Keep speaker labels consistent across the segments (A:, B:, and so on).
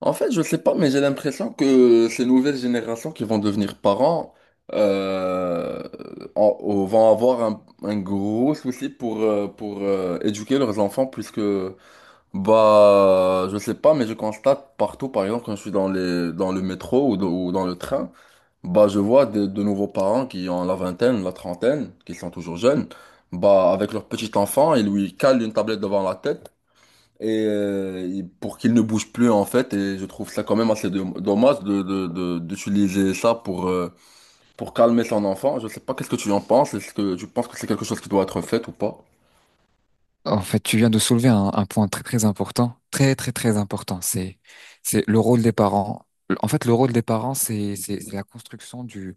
A: En fait, je sais pas, mais j'ai l'impression que ces nouvelles générations qui vont devenir parents euh, vont avoir un gros souci pour éduquer leurs enfants, puisque, bah, je sais pas, mais je constate partout, par exemple, quand je suis dans dans le métro ou dans le train, bah, je vois de nouveaux parents qui ont la vingtaine, la trentaine, qui sont toujours jeunes, bah, avec leur petit enfant, ils lui calent une tablette devant la tête et pour qu'il ne bouge plus en fait, et je trouve ça quand même assez dommage d'utiliser ça pour calmer son enfant. Je sais pas qu'est-ce que tu en penses, est-ce que tu penses que c'est quelque chose qui doit être fait ou pas?
B: En fait, tu viens de soulever un point très très important, très très très important. C'est le rôle des parents. En fait, le rôle des parents, c'est la construction du,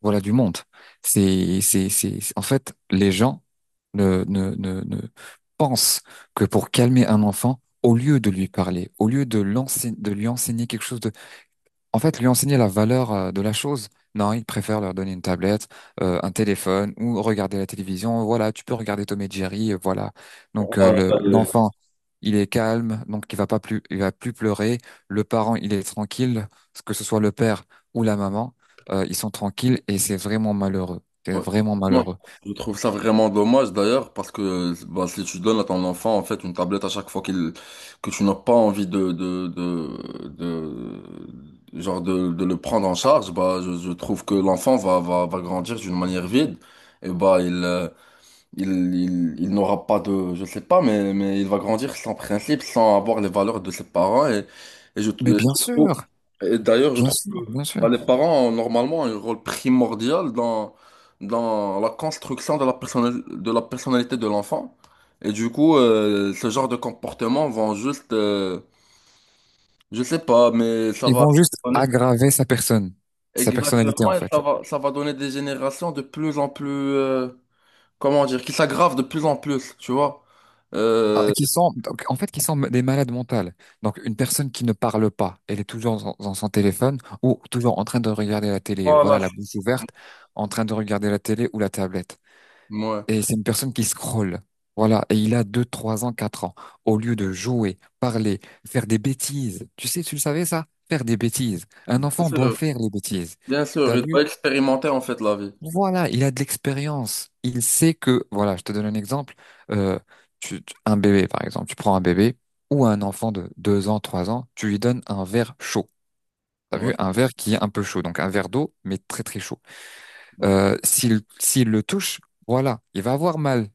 B: voilà, du monde. C'est en fait les gens ne pensent que pour calmer un enfant, au lieu de lui parler, au lieu de l'enseigner de lui enseigner quelque chose de en fait, lui enseigner la valeur de la chose. Non, il préfère leur donner une tablette, un téléphone ou regarder la télévision. Voilà, tu peux regarder Tom et Jerry, voilà. Donc euh,
A: Euh,
B: le-
A: euh,
B: l'enfant, il est calme, donc il va pas plus, il va plus pleurer. Le parent, il est tranquille, que ce soit le père ou la maman, ils sont tranquilles et c'est vraiment malheureux. C'est
A: ouais.
B: vraiment
A: Non,
B: malheureux.
A: je trouve ça vraiment dommage d'ailleurs, parce que bah, si tu donnes à ton enfant en fait une tablette à chaque fois qu'il que tu n'as pas envie genre de le prendre en charge, bah je trouve que l'enfant va grandir d'une manière vide, et bah Il, il n'aura pas de, je sais pas, mais il va grandir sans principe, sans avoir les valeurs de ses parents. Et je,
B: Mais bien
A: je trouve,
B: sûr,
A: et d'ailleurs, je
B: bien
A: trouve
B: sûr,
A: que
B: bien sûr.
A: bah, les parents ont normalement un rôle primordial dans, dans la construction de la de la personnalité de l'enfant. Et du coup, ce genre de comportement vont juste, je sais pas, mais ça
B: Ils
A: va.
B: vont juste aggraver sa personne, sa personnalité
A: Exactement,
B: en
A: et
B: fait.
A: ça ça va donner des générations de plus en plus. Comment dire, qui s'aggrave de plus en plus, tu vois.
B: Ah,
A: Euh,
B: qui sont donc, en fait qui sont des malades mentales. Donc une personne qui ne parle pas, elle est toujours dans, dans son téléphone ou toujours en train de regarder la télé,
A: voilà.
B: voilà la bouche ouverte, en train de regarder la télé ou la tablette.
A: Ouais.
B: Et c'est une personne qui scrolle. Voilà, et il a deux, 3 ans, 4 ans. Au lieu de jouer, parler, faire des bêtises. Tu sais, tu le savais ça? Faire des bêtises. Un
A: Bien
B: enfant doit
A: sûr,
B: faire les bêtises.
A: bien sûr,
B: T'as
A: il
B: vu?
A: va expérimenter en fait la vie.
B: Voilà, il a de l'expérience. Il sait que, voilà, je te donne un exemple. Euh, un bébé, par exemple, tu prends un bébé ou un enfant de 2 ans, 3 ans, tu lui donnes un verre chaud. T'as
A: Ouais,
B: vu, un verre qui est un peu chaud, donc un verre d'eau, mais très très chaud.
A: ouais.
B: S'il le touche, voilà, il va avoir mal.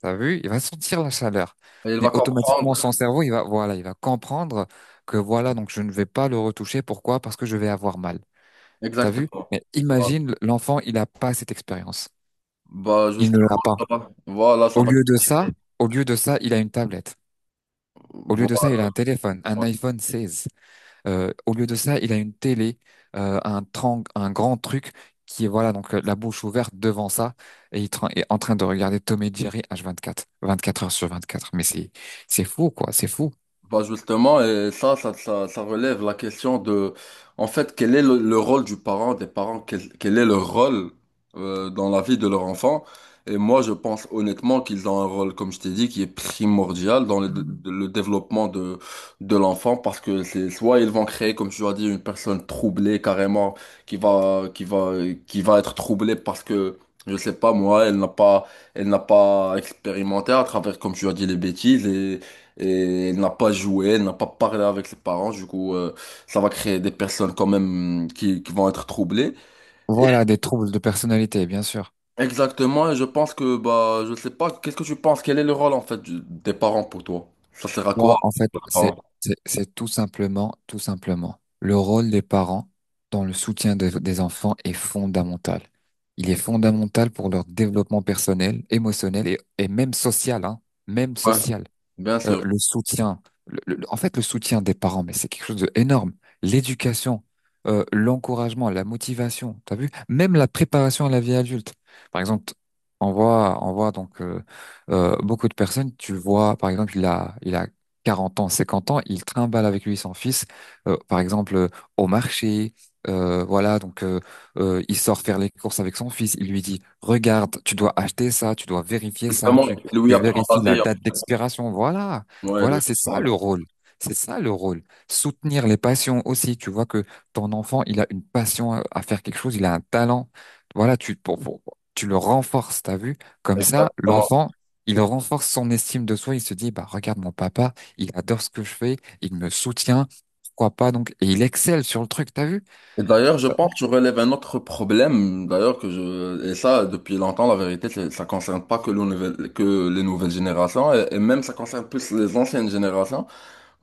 B: T'as vu, il va sentir la chaleur.
A: Et il va
B: Mais automatiquement,
A: comprendre
B: son cerveau, il va, voilà, il va comprendre que voilà, donc je ne vais pas le retoucher. Pourquoi? Parce que je vais avoir mal. T'as vu?
A: exactement.
B: Mais
A: Voilà.
B: imagine, l'enfant, il n'a pas cette expérience.
A: Bah,
B: Il
A: juste
B: ne l'a pas.
A: voilà, voilà, ça
B: Au
A: va.
B: lieu de ça, au lieu de ça, il a une tablette. Au lieu de ça, il
A: Voilà.
B: a un téléphone, un iPhone 16. Au lieu de ça, il a une télé, un grand truc qui est voilà donc la bouche ouverte devant ça et il est en train de regarder Tom et Jerry H24, 24 heures sur 24. Mais c'est fou quoi, c'est fou.
A: Bah justement, et ça, ça relève la question de, en fait, quel est le rôle du parent, des parents, quel est leur rôle dans la vie de leur enfant. Et moi, je pense honnêtement qu'ils ont un rôle, comme je t'ai dit, qui est primordial dans le développement de l'enfant, parce que c'est soit ils vont créer, comme tu as dit, une personne troublée carrément, qui va, qui va, qui va être troublée parce que, je sais pas, moi, elle n'a pas expérimenté à travers, comme tu as dit, les bêtises et elle n'a pas joué, elle n'a pas parlé avec ses parents, du coup, ça va créer des personnes quand même mm, qui vont être troublées. Et
B: Voilà des troubles de personnalité, bien sûr.
A: exactement, et je pense que, bah, je sais pas, qu'est-ce que tu penses? Quel est le rôle en fait des parents pour toi? Ça sert à quoi,
B: Moi, en fait,
A: les
B: c'est,
A: parents?
B: c'est, c'est tout simplement, le rôle des parents dans le soutien des enfants est fondamental. Il est fondamental pour leur développement personnel, émotionnel et même social, hein, même
A: Ouais,
B: social
A: bien sûr.
B: le soutien, en fait, le soutien des parents, mais c'est quelque chose d'énorme. L'éducation, l'encouragement, la motivation, t'as vu? Même la préparation à la vie adulte. Par exemple, on voit donc beaucoup de personnes, tu le vois, par exemple, il a 40 ans, 50 ans, il trimballe avec lui son fils, par exemple, au marché. Voilà, donc il sort faire les courses avec son fils. Il lui dit, regarde, tu dois acheter ça, tu dois vérifier ça,
A: Justement,
B: tu,
A: Louis
B: tu
A: apprend
B: vérifies
A: la
B: la
A: vie, hein.
B: date d'expiration. Voilà,
A: Ouais, Louis
B: voilà, c'est
A: apprend
B: ça
A: la
B: le rôle. C'est ça le rôle. Soutenir les passions aussi. Tu vois que ton enfant, il a une passion à faire quelque chose, il a un talent. Voilà, tu le renforces, t'as vu?
A: vie.
B: Comme ça,
A: Exactement.
B: l'enfant, il renforce son estime de soi. Il se dit, bah, regarde mon papa, il adore ce que je fais, il me soutient. Pourquoi pas donc? Et il excelle sur le truc, t'as vu?
A: Et d'ailleurs, je pense que tu relèves un autre problème, d'ailleurs, que je, et ça, depuis longtemps, la vérité, ça concerne pas que, le que les nouvelles générations, et même ça concerne plus les anciennes générations.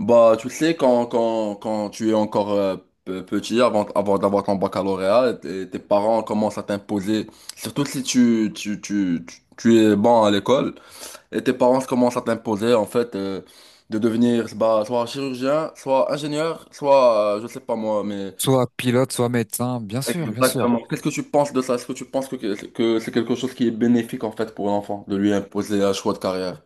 A: Bah, tu sais, quand tu es encore petit, avant, avant d'avoir ton baccalauréat, tes parents commencent à t'imposer, surtout si tu es bon à l'école, et tes parents commencent à t'imposer, en fait, de devenir bah, soit chirurgien, soit ingénieur, soit, je sais pas moi, mais...
B: Soit pilote, soit médecin, bien sûr, bien sûr.
A: Exactement. Qu'est-ce que tu penses de ça? Est-ce que tu penses que c'est quelque chose qui est bénéfique, en fait, pour l'enfant, de lui imposer un choix de carrière?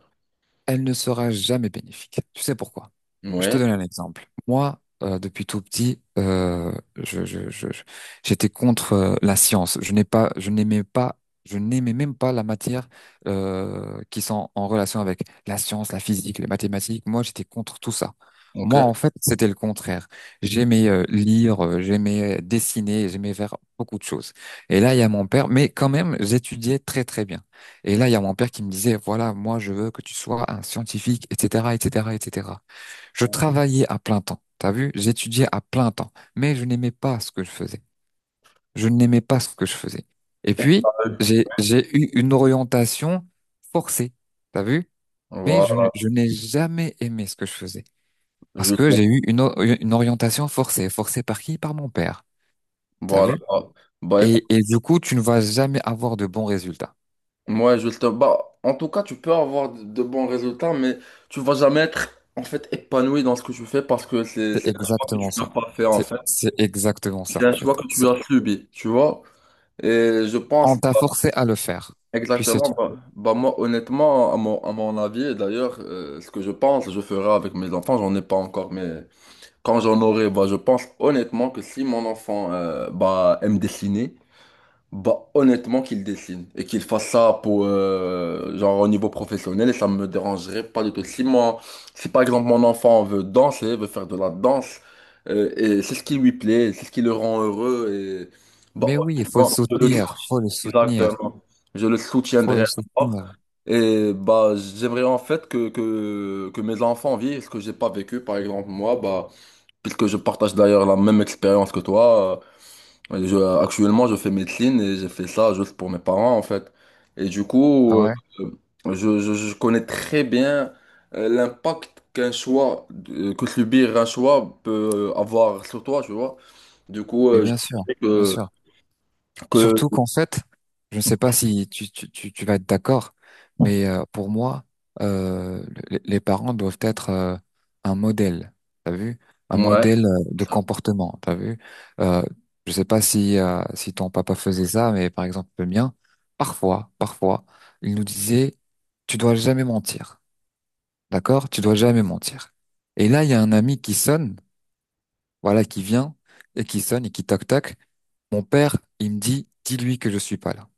B: Elle ne sera jamais bénéfique. Tu sais pourquoi? Je te
A: Oui,
B: donne un exemple. Moi, depuis tout petit, j'étais contre la science. Je n'ai pas, je n'aimais pas, je n'aimais même pas la matière qui sont en relation avec la science, la physique, les mathématiques. Moi, j'étais contre tout ça.
A: ok.
B: Moi, en fait, c'était le contraire. J'aimais lire, j'aimais dessiner, j'aimais faire beaucoup de choses. Et là, il y a mon père, mais quand même, j'étudiais très très bien. Et là, il y a mon père qui me disait, voilà, moi, je veux que tu sois un scientifique, etc., etc., etc. Je travaillais à plein temps. T'as vu? J'étudiais à plein temps. Mais je n'aimais pas ce que je faisais. Je n'aimais pas ce que je faisais. Et puis, j'ai eu une orientation forcée. T'as vu? Mais
A: Voilà,
B: je n'ai jamais aimé ce que je faisais. Parce
A: juste
B: que j'ai eu une, une orientation forcée. Forcée par qui? Par mon père. T'as
A: voilà.
B: vu?
A: Bah écoute,
B: Et du coup, tu ne vas jamais avoir de bons résultats.
A: moi je te bah, en tout cas, tu peux avoir de bons résultats, mais tu vas jamais être en fait épanoui dans ce que tu fais parce que
B: C'est
A: c'est un choix que tu
B: exactement ça.
A: n'as pas fait en
B: C'est,
A: fait.
B: c'est exactement
A: C'est
B: ça, en
A: un choix
B: fait.
A: que tu
B: C'est,
A: as subi, tu vois. Et je pense
B: on t'a
A: bah,
B: forcé à le faire. Puis c'est
A: exactement,
B: tout.
A: moi honnêtement, à mon avis, et d'ailleurs, ce que je pense, je ferai avec mes enfants, j'en ai pas encore, mais quand j'en aurai, bah, je pense honnêtement que si mon enfant bah, aime dessiner, bah, honnêtement, qu'il dessine et qu'il fasse ça pour, genre, au niveau professionnel, et ça me dérangerait pas du tout. Si moi, si par exemple mon enfant veut danser, veut faire de la danse, et c'est ce qui lui plaît, c'est ce qui le rend heureux, et bah,
B: Mais oui, il faut le
A: honnêtement, je le soutiens,
B: soutenir, faut le soutenir,
A: exactement. Je le
B: faut
A: soutiendrai
B: le
A: encore.
B: soutenir.
A: Et bah, j'aimerais en fait que mes enfants vivent ce que j'ai pas vécu, par exemple, moi, bah, puisque je partage d'ailleurs la même expérience que toi. Et actuellement, je fais médecine et j'ai fait ça juste pour mes parents, en fait. Et du
B: Ah
A: coup,
B: ouais?
A: je connais très bien l'impact qu'un choix, que subir un choix peut avoir sur toi, tu vois. Du coup,
B: Mais
A: je
B: bien sûr,
A: sais
B: bien sûr. Surtout
A: que
B: qu'en fait, je ne sais pas si tu vas être d'accord, mais pour moi, euh, les parents doivent être un modèle, t'as vu? Un
A: ouais,
B: modèle de comportement, t'as vu? Euh, je ne sais pas si, si ton papa faisait ça, mais par exemple le mien, parfois, parfois, il nous disait, tu dois jamais mentir, d'accord? Tu dois jamais mentir. Et là, il y a un ami qui sonne, voilà, qui vient, et qui sonne, et qui toc-toc. Mon père, il me dit, dis-lui que je suis pas là.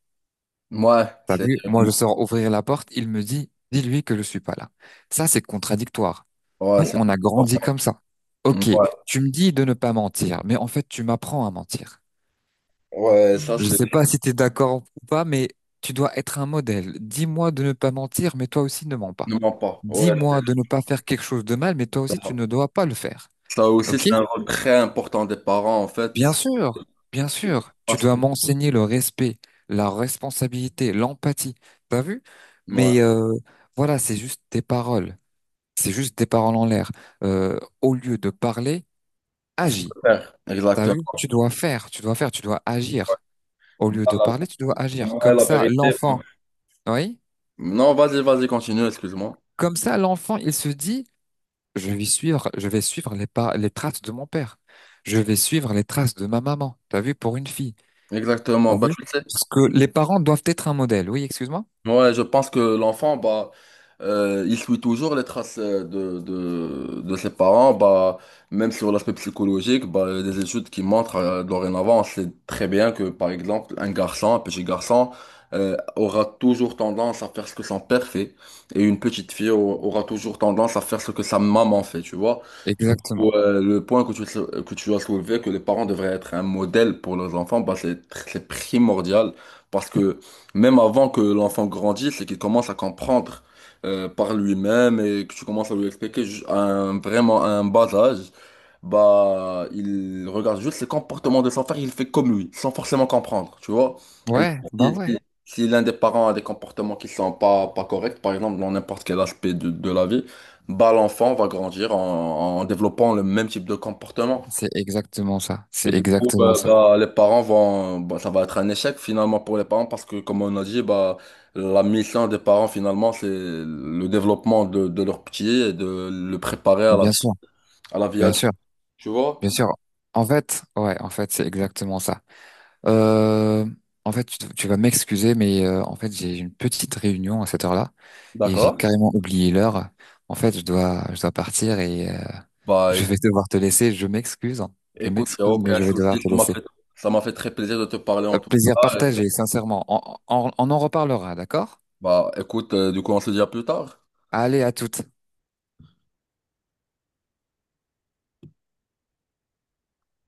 A: ouais,
B: T'as
A: c'est,
B: vu, moi je sors ouvrir la porte, il me dit, dis-lui que je suis pas là. Ça, c'est contradictoire.
A: ouais,
B: Nous,
A: c'est,
B: on a grandi comme ça. Ok,
A: ouais,
B: tu me dis de ne pas mentir, mais en fait, tu m'apprends à mentir.
A: ouais, ça,
B: Je
A: c'est,
B: sais pas si tu es d'accord ou pas, mais tu dois être un modèle. Dis-moi de ne pas mentir, mais toi aussi ne mens pas.
A: ne mens pas. Ouais, c'est-
B: Dis-moi de ne pas faire quelque chose de mal, mais toi aussi tu ne dois pas le faire.
A: ça aussi,
B: Ok?
A: c'est un rôle très important des parents, en fait.
B: Bien sûr, tu
A: Parce
B: dois
A: que,
B: m'enseigner le respect, la responsabilité, l'empathie. T'as vu?
A: ouais,
B: Mais voilà, c'est juste des paroles. C'est juste des paroles en l'air. Au lieu de parler, agis. T'as vu?
A: exactement.
B: Tu dois faire, tu dois faire, tu dois agir. Au lieu de
A: Voilà.
B: parler, tu dois agir.
A: Ouais,
B: Comme
A: la
B: ça,
A: vérité.
B: l'enfant, oui?
A: Non, vas-y, vas-y, continue, excuse-moi.
B: Comme ça, l'enfant, il se dit, je vais suivre les pas, les traces de mon père. Je vais suivre les traces de ma maman. T'as vu? Pour une fille. T'as
A: Exactement. Bah,
B: vu?
A: tu sais,
B: Parce que les parents doivent être un modèle. Oui, excuse-moi?
A: ouais, je pense que l'enfant, bah, il suit toujours les traces de ses parents, bah, même sur l'aspect psychologique, bah, il y a des études qui montrent dorénavant, on sait très bien que, par exemple, un garçon, un petit garçon, aura toujours tendance à faire ce que son père fait, et une petite fille aura toujours tendance à faire ce que sa maman fait, tu vois. Du coup,
B: Exactement.
A: le point que que tu as soulevé, que les parents devraient être un modèle pour leurs enfants, bah, c'est c'est primordial, parce que même avant que l'enfant grandisse et qu'il commence à comprendre par lui-même et que tu commences à lui expliquer vraiment à un bas âge, bah, il regarde juste les comportements de son frère, il fait comme lui, sans forcément comprendre, tu vois. Et du
B: Ouais,
A: coup,
B: bah ouais.
A: si l'un des parents a des comportements qui sont pas, pas corrects, par exemple, dans n'importe quel aspect de la vie, bah, l'enfant va grandir en, en développant le même type de comportement.
B: C'est exactement ça.
A: Et
B: C'est
A: du coup,
B: exactement ça.
A: les parents vont, bah, ça va être un échec finalement pour les parents parce que, comme on a dit, bah, la mission des parents finalement, c'est le développement de leur petit et de le préparer
B: Mais bien sûr,
A: à la vie
B: bien
A: adulte,
B: sûr,
A: tu vois?
B: bien sûr. En fait, ouais, en fait, c'est exactement ça. Euh, en fait, tu vas m'excuser, mais en fait, j'ai une petite réunion à cette heure-là et j'ai
A: D'accord.
B: carrément oublié l'heure. En fait, je dois partir et
A: Bah,
B: je
A: écoute,
B: vais devoir te laisser. Je m'excuse. Hein. Je
A: écoute, y a
B: m'excuse, mais
A: aucun
B: je vais devoir
A: souci,
B: te laisser.
A: ça m'a fait très plaisir de te parler en tout
B: Plaisir
A: cas. Et,
B: partagé, sincèrement. On en reparlera, d'accord?
A: bah, écoute, du coup, on se dit à plus tard.
B: Allez, à toutes.